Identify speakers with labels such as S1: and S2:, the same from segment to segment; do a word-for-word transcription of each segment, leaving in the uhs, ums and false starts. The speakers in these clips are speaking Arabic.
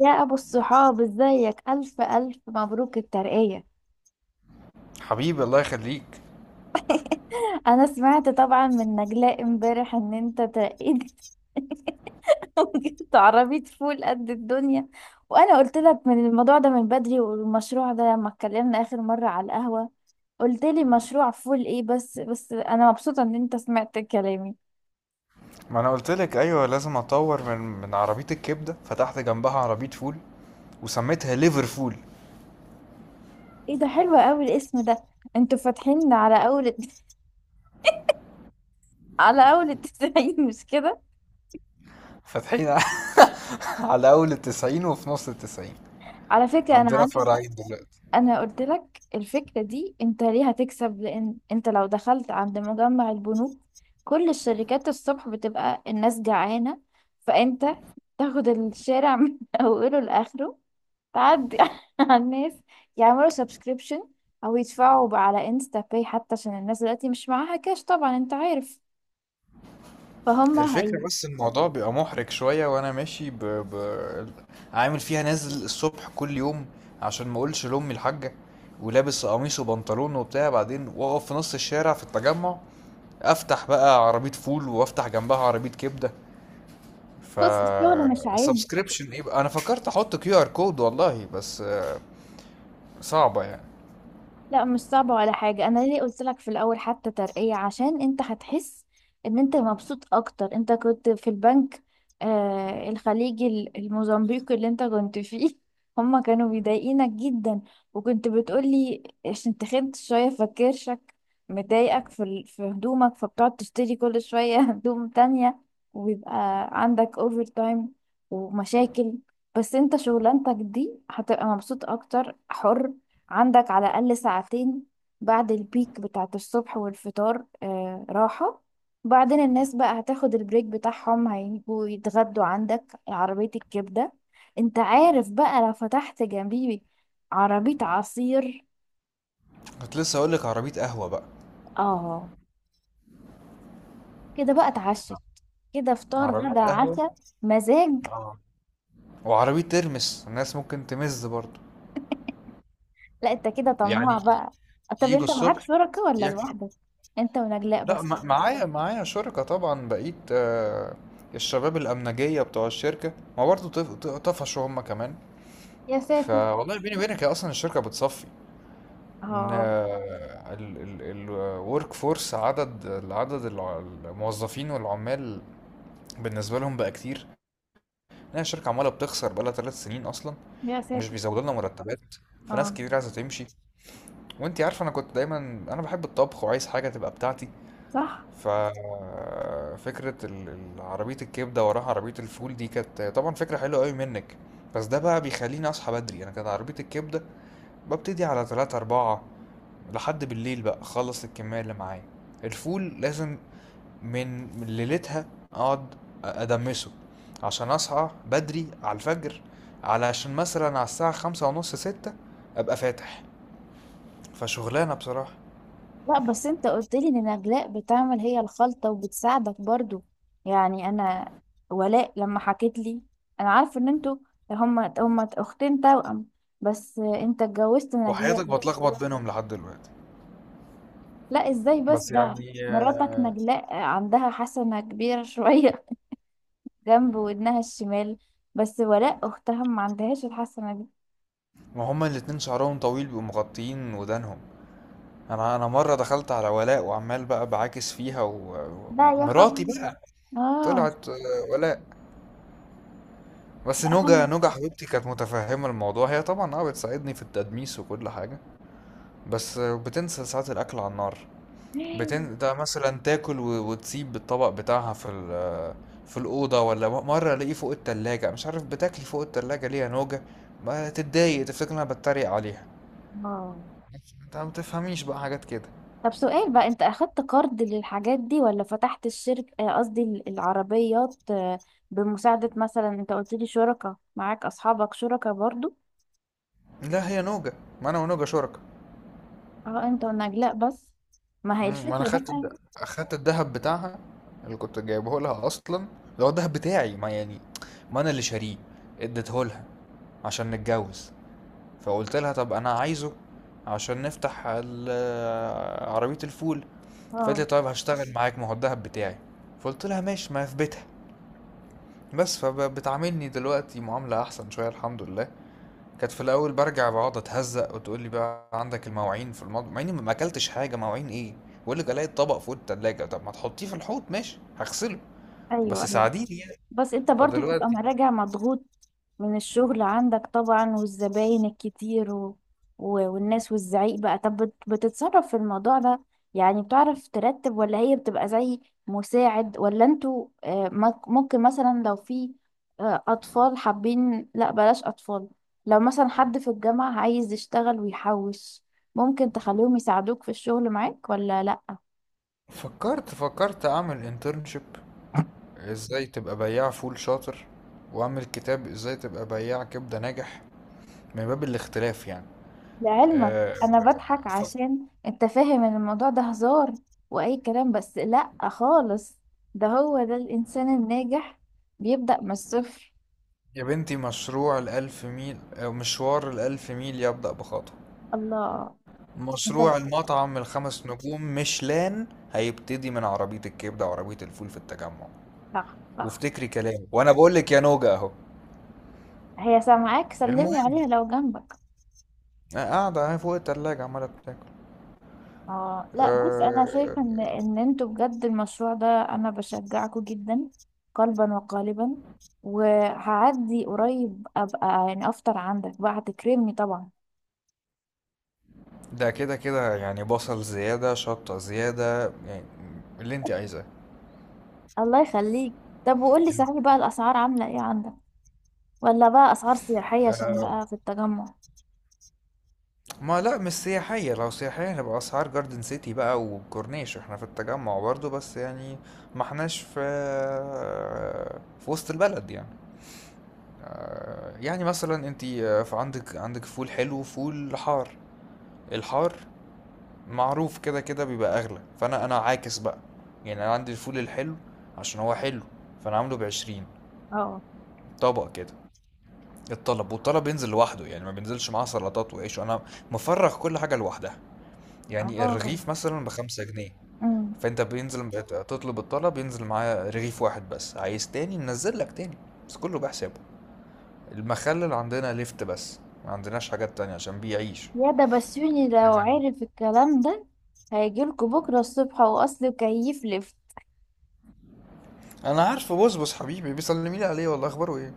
S1: يا أبو الصحاب، ازيك؟ ألف ألف مبروك الترقية.
S2: حبيبي الله يخليك.
S1: أنا سمعت طبعا من نجلاء امبارح إن أنت ترقيت وجبت عربية فول قد الدنيا. وأنا قلت لك من الموضوع ده من بدري، والمشروع ده لما اتكلمنا آخر مرة على القهوة، قلت لي مشروع فول إيه؟ بس بس أنا مبسوطة إن أنت سمعت كلامي.
S2: ما انا قلت لك ايوه، لازم اطور من من عربيه الكبده، فتحت جنبها عربيه فول وسميتها ليفرفول.
S1: إيه ده؟ حلو أوي الاسم ده. أنتوا فاتحين على أول على أول التسعين، مش كده؟
S2: فاتحين على اول التسعين وفي نص التسعين.
S1: على فكرة أنا
S2: عندنا
S1: عندي...
S2: فرعين دلوقتي.
S1: انا قلت لك الفكره دي، انت ليه هتكسب؟ لان انت لو دخلت عند مجمع البنوك، كل الشركات الصبح بتبقى الناس جعانه، فانت تاخد الشارع من اوله لاخره، تعدي على الناس، يعملوا سبسكريبشن او يدفعوا على انستا باي حتى، عشان الناس دلوقتي مش معاها كاش، طبعا انت عارف. فهم هي.
S2: الفكرة بس الموضوع بيبقى محرج شوية وانا ماشي ب... ب... عامل فيها، نازل الصبح كل يوم عشان ما اقولش لامي الحاجة، ولابس قميص وبنطلون وبتاع، بعدين واقف في نص الشارع في التجمع افتح بقى عربية فول وافتح جنبها عربية كبدة. ف
S1: بص، الشغل مش عيب.
S2: سبسكريبشن ايه بقى؟ انا فكرت احط كيو ار كود والله، بس آه، صعبه يعني.
S1: لا مش صعبة ولا حاجة. أنا ليه قلت لك في الأول حتى ترقية؟ عشان أنت هتحس إن أنت مبسوط أكتر. أنت كنت في البنك آه الخليجي، ال- الموزمبيقي اللي أنت كنت فيه، هما كانوا بيضايقينك جدا. وكنت بتقولي عشان تخنت شوية فكرشك مضايقك في ال- في هدومك، فبتقعد تشتري كل شوية هدوم تانية، ويبقى عندك أوفر تايم ومشاكل. بس أنت شغلانتك دي هتبقى مبسوط أكتر، حر، عندك على الأقل ساعتين بعد البيك بتاعت الصبح والفطار، آه راحة. بعدين الناس بقى هتاخد البريك بتاعهم، هيجوا يتغدوا عندك عربية الكبدة. انت عارف بقى لو فتحت جنبي عربية عصير.
S2: كنت لسه اقول لك عربيه قهوه بقى.
S1: اه. كده بقى اتعشت، كده فطار
S2: عربيه
S1: غدا
S2: قهوه.
S1: عشاء. مزاج.
S2: اه. وعربيه ترمس الناس ممكن تمز برضه.
S1: لا انت كده
S2: يعني
S1: طماع بقى. طب
S2: يجوا
S1: انت معاك
S2: الصبح
S1: شركة ولا
S2: ياكل.
S1: لوحدك؟ انت ونجلاء
S2: لا،
S1: بس؟
S2: ما- معايا معايا شركه طبعا، بقيت آه، الشباب الامنجيه بتوع الشركه ما برضه طف- طفشوا هم كمان.
S1: يا ساتر.
S2: فوالله بيني وبينك هي اصلا الشركه بتصفي. ان
S1: اه.
S2: الورك فورس، عدد العدد الع- الموظفين والعمال بالنسبه لهم بقى كتير، لان الشركه عماله بتخسر بقى لها ثلاث سنين اصلا
S1: يا
S2: ومش
S1: ساتر.
S2: بيزودوا لنا مرتبات، فناس
S1: اه.
S2: كتير عايزه تمشي. وانتي عارفه انا كنت دايما، انا بحب الطبخ وعايز حاجه تبقى بتاعتي.
S1: صح.
S2: ف فكره ال- ال- عربيه الكبده وراها عربيه الفول دي كانت طبعا فكره حلوه قوي منك، بس ده بقى بيخليني اصحى بدري. انا كانت عربيه الكبده ببتدي على تلاتة أربعة لحد بالليل بقى أخلص الكمية اللي معايا. الفول لازم من من ليلتها أقعد أدمسه عشان أصحى بدري على الفجر، علشان مثلا على الساعة خمسة ونص ستة أبقى فاتح. فشغلانة بصراحة.
S1: لا بس انت قلت لي ان نجلاء بتعمل هي الخلطة وبتساعدك برضو. يعني انا، ولاء لما حكيت لي، انا عارفه ان انتوا، هما هما اختين توأم، بس انت اتجوزت نجلاء
S2: وحياتك
S1: بقى.
S2: بتلخبط بينهم لحد دلوقتي،
S1: لا ازاي بس
S2: بس
S1: ده؟
S2: يعني
S1: مراتك نجلاء عندها حسنة كبيرة شوية جنب ودنها الشمال، بس ولاء اختها ما عندهاش الحسنة دي.
S2: ما هما الاتنين شعرهم طويل بيبقوا مغطيين ودانهم. انا انا مره دخلت على ولاء وعمال بقى بعاكس فيها
S1: لا يا خبر.
S2: ومراتي بقى،
S1: اه.
S2: طلعت آه، ولاء. بس
S1: لا
S2: نوجا
S1: خلي.
S2: نوجا حبيبتي كانت متفهمة الموضوع، هي طبعا اه بتساعدني في التدميس وكل حاجة. بس بتنسى ساعات الأكل على النار. بتن... ده مثلا تاكل و... وتسيب الطبق بتاعها في ال... في الأوضة، ولا م- مرة ألاقيه فوق التلاجة. مش عارف بتاكلي فوق التلاجة ليه يا نوجا؟ ما تتضايق تفتكر إن أنا بتريق عليها.
S1: اه.
S2: انت ما بتفهميش بقى حاجات كده.
S1: طب سؤال بقى. انت اخدت قرض للحاجات دي ولا فتحت الشركة، آه، قصدي ال- العربيات آه، بمساعدة مثلا؟ انت قلت لي شركاء معاك، اصحابك شركاء برضو؟
S2: لا هي نوجا، ما أنا ونوجا شركاء.
S1: اه انت ونجلاء بس. ما هي
S2: مم، ما انا
S1: الفكرة
S2: خدت
S1: بقى.
S2: الد... خدت الذهب بتاعها اللي كنت جايبه لها اصلا، اللي هو الذهب بتاعي ما يعني، ما انا اللي شاريه، اديته لها عشان نتجوز. فقلت لها طب انا عايزه عشان نفتح ال- عربية الفول، فقالت لي
S1: اه.
S2: طيب هشتغل معاك، ما هو الذهب بتاعي. فقلت لها ماشي، ما في بيتها بس. فبتعاملني دلوقتي معاملة احسن شوية الحمد لله. كانت في الاول برجع بقعد اتهزق وتقول لي بقى عندك المواعين في المطبخ، مع اني ما اكلتش حاجه. مواعين ايه؟ بقول لك الاقي الطبق فوق التلاجة، طب ما تحطيه في الحوض ماشي هغسله، بس
S1: ايوه ايوه.
S2: ساعديني يعني.
S1: بس انت برضو بتبقى
S2: فدلوقتي
S1: راجع مضغوط من الشغل عندك طبعا، والزباين الكتير و... و... والناس والزعيق بقى. طب بت- بتتصرف في الموضوع ده؟ يعني بتعرف ترتب ولا هي بتبقى زي مساعد؟ ولا انتوا آه، مك- ممكن مثلا لو في آه، أطفال حابين... لا بلاش أطفال. لو مثلا حد في الجامعة عايز يشتغل ويحوش، ممكن تخليهم يساعدوك في الشغل معاك ولا لا؟
S2: فكرت فكرت اعمل انترنشيب، ازاي تبقى بياع فول شاطر، واعمل كتاب ازاي تبقى بياع كبده ناجح، من باب الاختلاف يعني.
S1: لعلمك،
S2: أه.
S1: انا بضحك
S2: ف-
S1: عشان انت فاهم ان الموضوع ده هزار واي كلام، بس لا خالص. ده هو ده الانسان الناجح، بيبدأ من الصفر.
S2: يا بنتي، مشروع الألف ميل أو مشوار الألف ميل يبدأ بخطوة.
S1: الله. انت...
S2: مشروع المطعم الخمس نجوم ميشلان هيبتدي من عربية الكبدة وعربية الفول في التجمع.
S1: صح صح.
S2: وافتكري كلامي وانا بقول لك يا نوجة اهو.
S1: هي سامعاك؟ سلمي
S2: المهم،
S1: عليها لو جنبك.
S2: أنا قاعدة اهي فوق التلاجة عمالة بتاكل.
S1: اه لا بص، انا
S2: آه،
S1: شايفه ان ان انتوا بجد المشروع ده انا بشجعكوا جدا، قلبا وقالبا. وهعدي قريب ابقى يعني افطر عندك بقى، هتكرمني طبعا.
S2: ده كده كده يعني بصل زيادة شطة زيادة يعني، اللي انت عايزاه.
S1: الله يخليك. طب وقولي
S2: الم-
S1: صحيح بقى، الأسعار عاملة ايه عندك؟ ولا بقى أسعار سياحية عشان
S2: آه،
S1: بقى في التجمع؟
S2: ما لا مش سياحية. لو سياحية هنبقى أسعار جاردن سيتي بقى وكورنيش. احنا في التجمع برضو، بس يعني ما احناش في آه، في وسط البلد يعني. يعني مثلا انت في عندك عندك فول حلو وفول حار. الحار معروف كده كده بيبقى اغلى، فانا انا عاكس بقى. يعني انا عندي الفول الحلو، عشان هو حلو فانا عامله بعشرين
S1: اه.
S2: طبق كده. الطلب والطلب ينزل لوحده، يعني ما بينزلش معاه سلطات وعيش، وانا مفرغ كل حاجة لوحدها. يعني
S1: اه.
S2: الرغيف مثلا بخمسة جنيه،
S1: امم
S2: فانت بينزل تطلب الطلب ينزل معاه رغيف واحد بس، عايز تاني ننزل لك تاني، بس كله بحسابه. المخلل عندنا لفت بس، ما عندناش حاجات تانية عشان بيعيش.
S1: يا ده بسيوني، لو عرف الكلام ده هيجيلكوا بكرة الصبح وأصله كيف لف.
S2: انا عارفه بصبص حبيبي بيسلمي لي عليه والله، اخباره ايه؟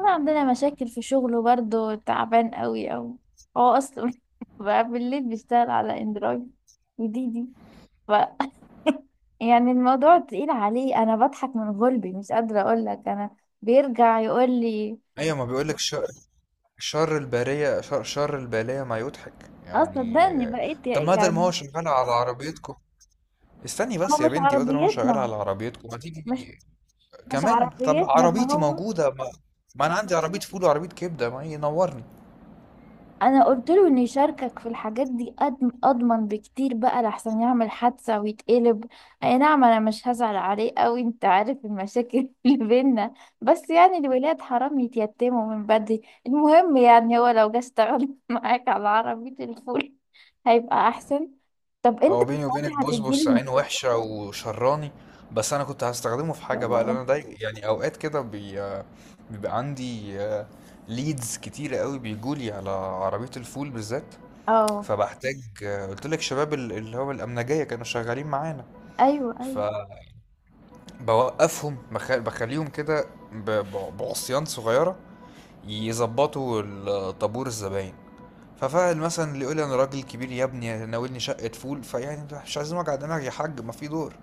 S1: أنا عندنا مشاكل في شغله برضه، تعبان قوي أوي. هو أصله بقى بالليل بيشتغل على اندرويد وديدي، ف يعني الموضوع تقيل عليه. أنا بضحك من غلبي، مش قادرة أقولك. أنا بيرجع يقول لي...
S2: ايوه ما بيقولك شر، شر الباريه، شر، شر البلايا ما يضحك
S1: اه
S2: يعني.
S1: صدقني، بقيت
S2: طب ما ده ما هو
S1: يعني.
S2: شغال على عربيتكم. استني بس
S1: هو
S2: يا
S1: مش
S2: بنتي، بدل ما هو شغال
S1: عربيتنا.
S2: على عربيتكم ما
S1: مش
S2: تيجي
S1: مش
S2: كمان؟ طب
S1: عربيتنا ده
S2: عربيتي
S1: هو.
S2: موجوده، ما, ما انا عندي عربيه فول وعربيه كبده، ما ينورني.
S1: انا قلت له ان يشاركك في الحاجات دي، أضم- اضمن بكتير بقى، لحسن يعمل حادثة ويتقلب. اي نعم انا مش هزعل عليه قوي، انت عارف المشاكل اللي بينا، بس يعني الولاد حرام يتيتموا من بدري. المهم، يعني هو لو جه اشتغل معاك على عربية الفول، هيبقى احسن. طب انت
S2: هو
S1: في
S2: بيني وبينك
S1: ساعتها
S2: بصبص
S1: هتديله...
S2: عينه وحشة وشراني، بس أنا كنت هستخدمه في حاجة بقى، لأن
S1: م-
S2: أنا داي يعني أوقات كده بي... بيبقى عندي ليدز كتيرة قوي بيجولي على عربية الفول بالذات،
S1: اه.
S2: فبحتاج. آه، قلت لك شباب ال- اللي هو الأمنجية كانوا شغالين معانا،
S1: ايوه ايوه.
S2: فبوقفهم بخ... بخليهم كده ب... ب- بعصيان صغيرة يظبطوا ال- طابور الزباين. ففاعل مثلا اللي يقول لي انا راجل كبير يا ابني ناولني شقه فول، فيعني مش عايزين وجع دماغ يا حاج، ما في دور،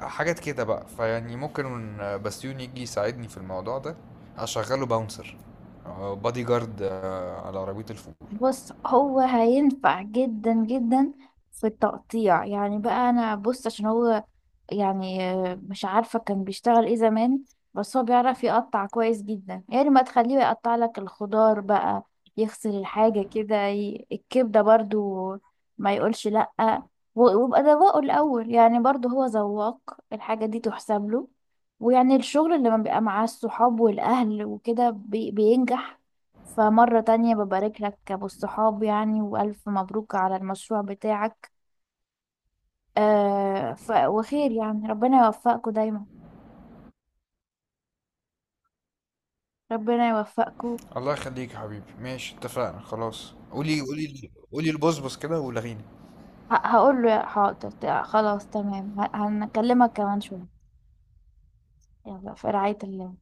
S2: حاجات كده بقى. فيعني ممكن بسيوني يجي يساعدني في الموضوع ده، اشغله باونسر أو بادي جارد آه، على عربية الفول.
S1: بص هو هينفع جدا جدا في التقطيع. يعني بقى انا بص، عشان هو يعني آه، مش عارفة كان بيشتغل ايه زمان، بس هو بيعرف يقطع كويس جدا. يعني ما تخليه يقطع لك الخضار بقى، يغسل الحاجة كده، ي- الكبدة برضو، ما يقولش لأ. و- ويبقى ذواقه الأول. يعني برضو هو ذواق الحاجة دي تحسب له. ويعني الشغل اللي لما بيبقى مع الصحاب والأهل وكده بي- بينجح. فمرة تانية ببارك لك أبو الصحاب، يعني وألف مبروك على المشروع بتاعك. آه ف... وخير. يعني ربنا يوفقكم دايما. ربنا يوفقكم.
S2: الله يخليك يا حبيبي، ماشي اتفقنا خلاص. قولي قولي قولي البصبص كده ولغيني.
S1: ه... هقول له حاضر، ت- خلاص تمام. ه... هنكلمك كمان شوية. يلا، في رعاية الله.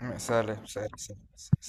S2: سلام سلام. سلام.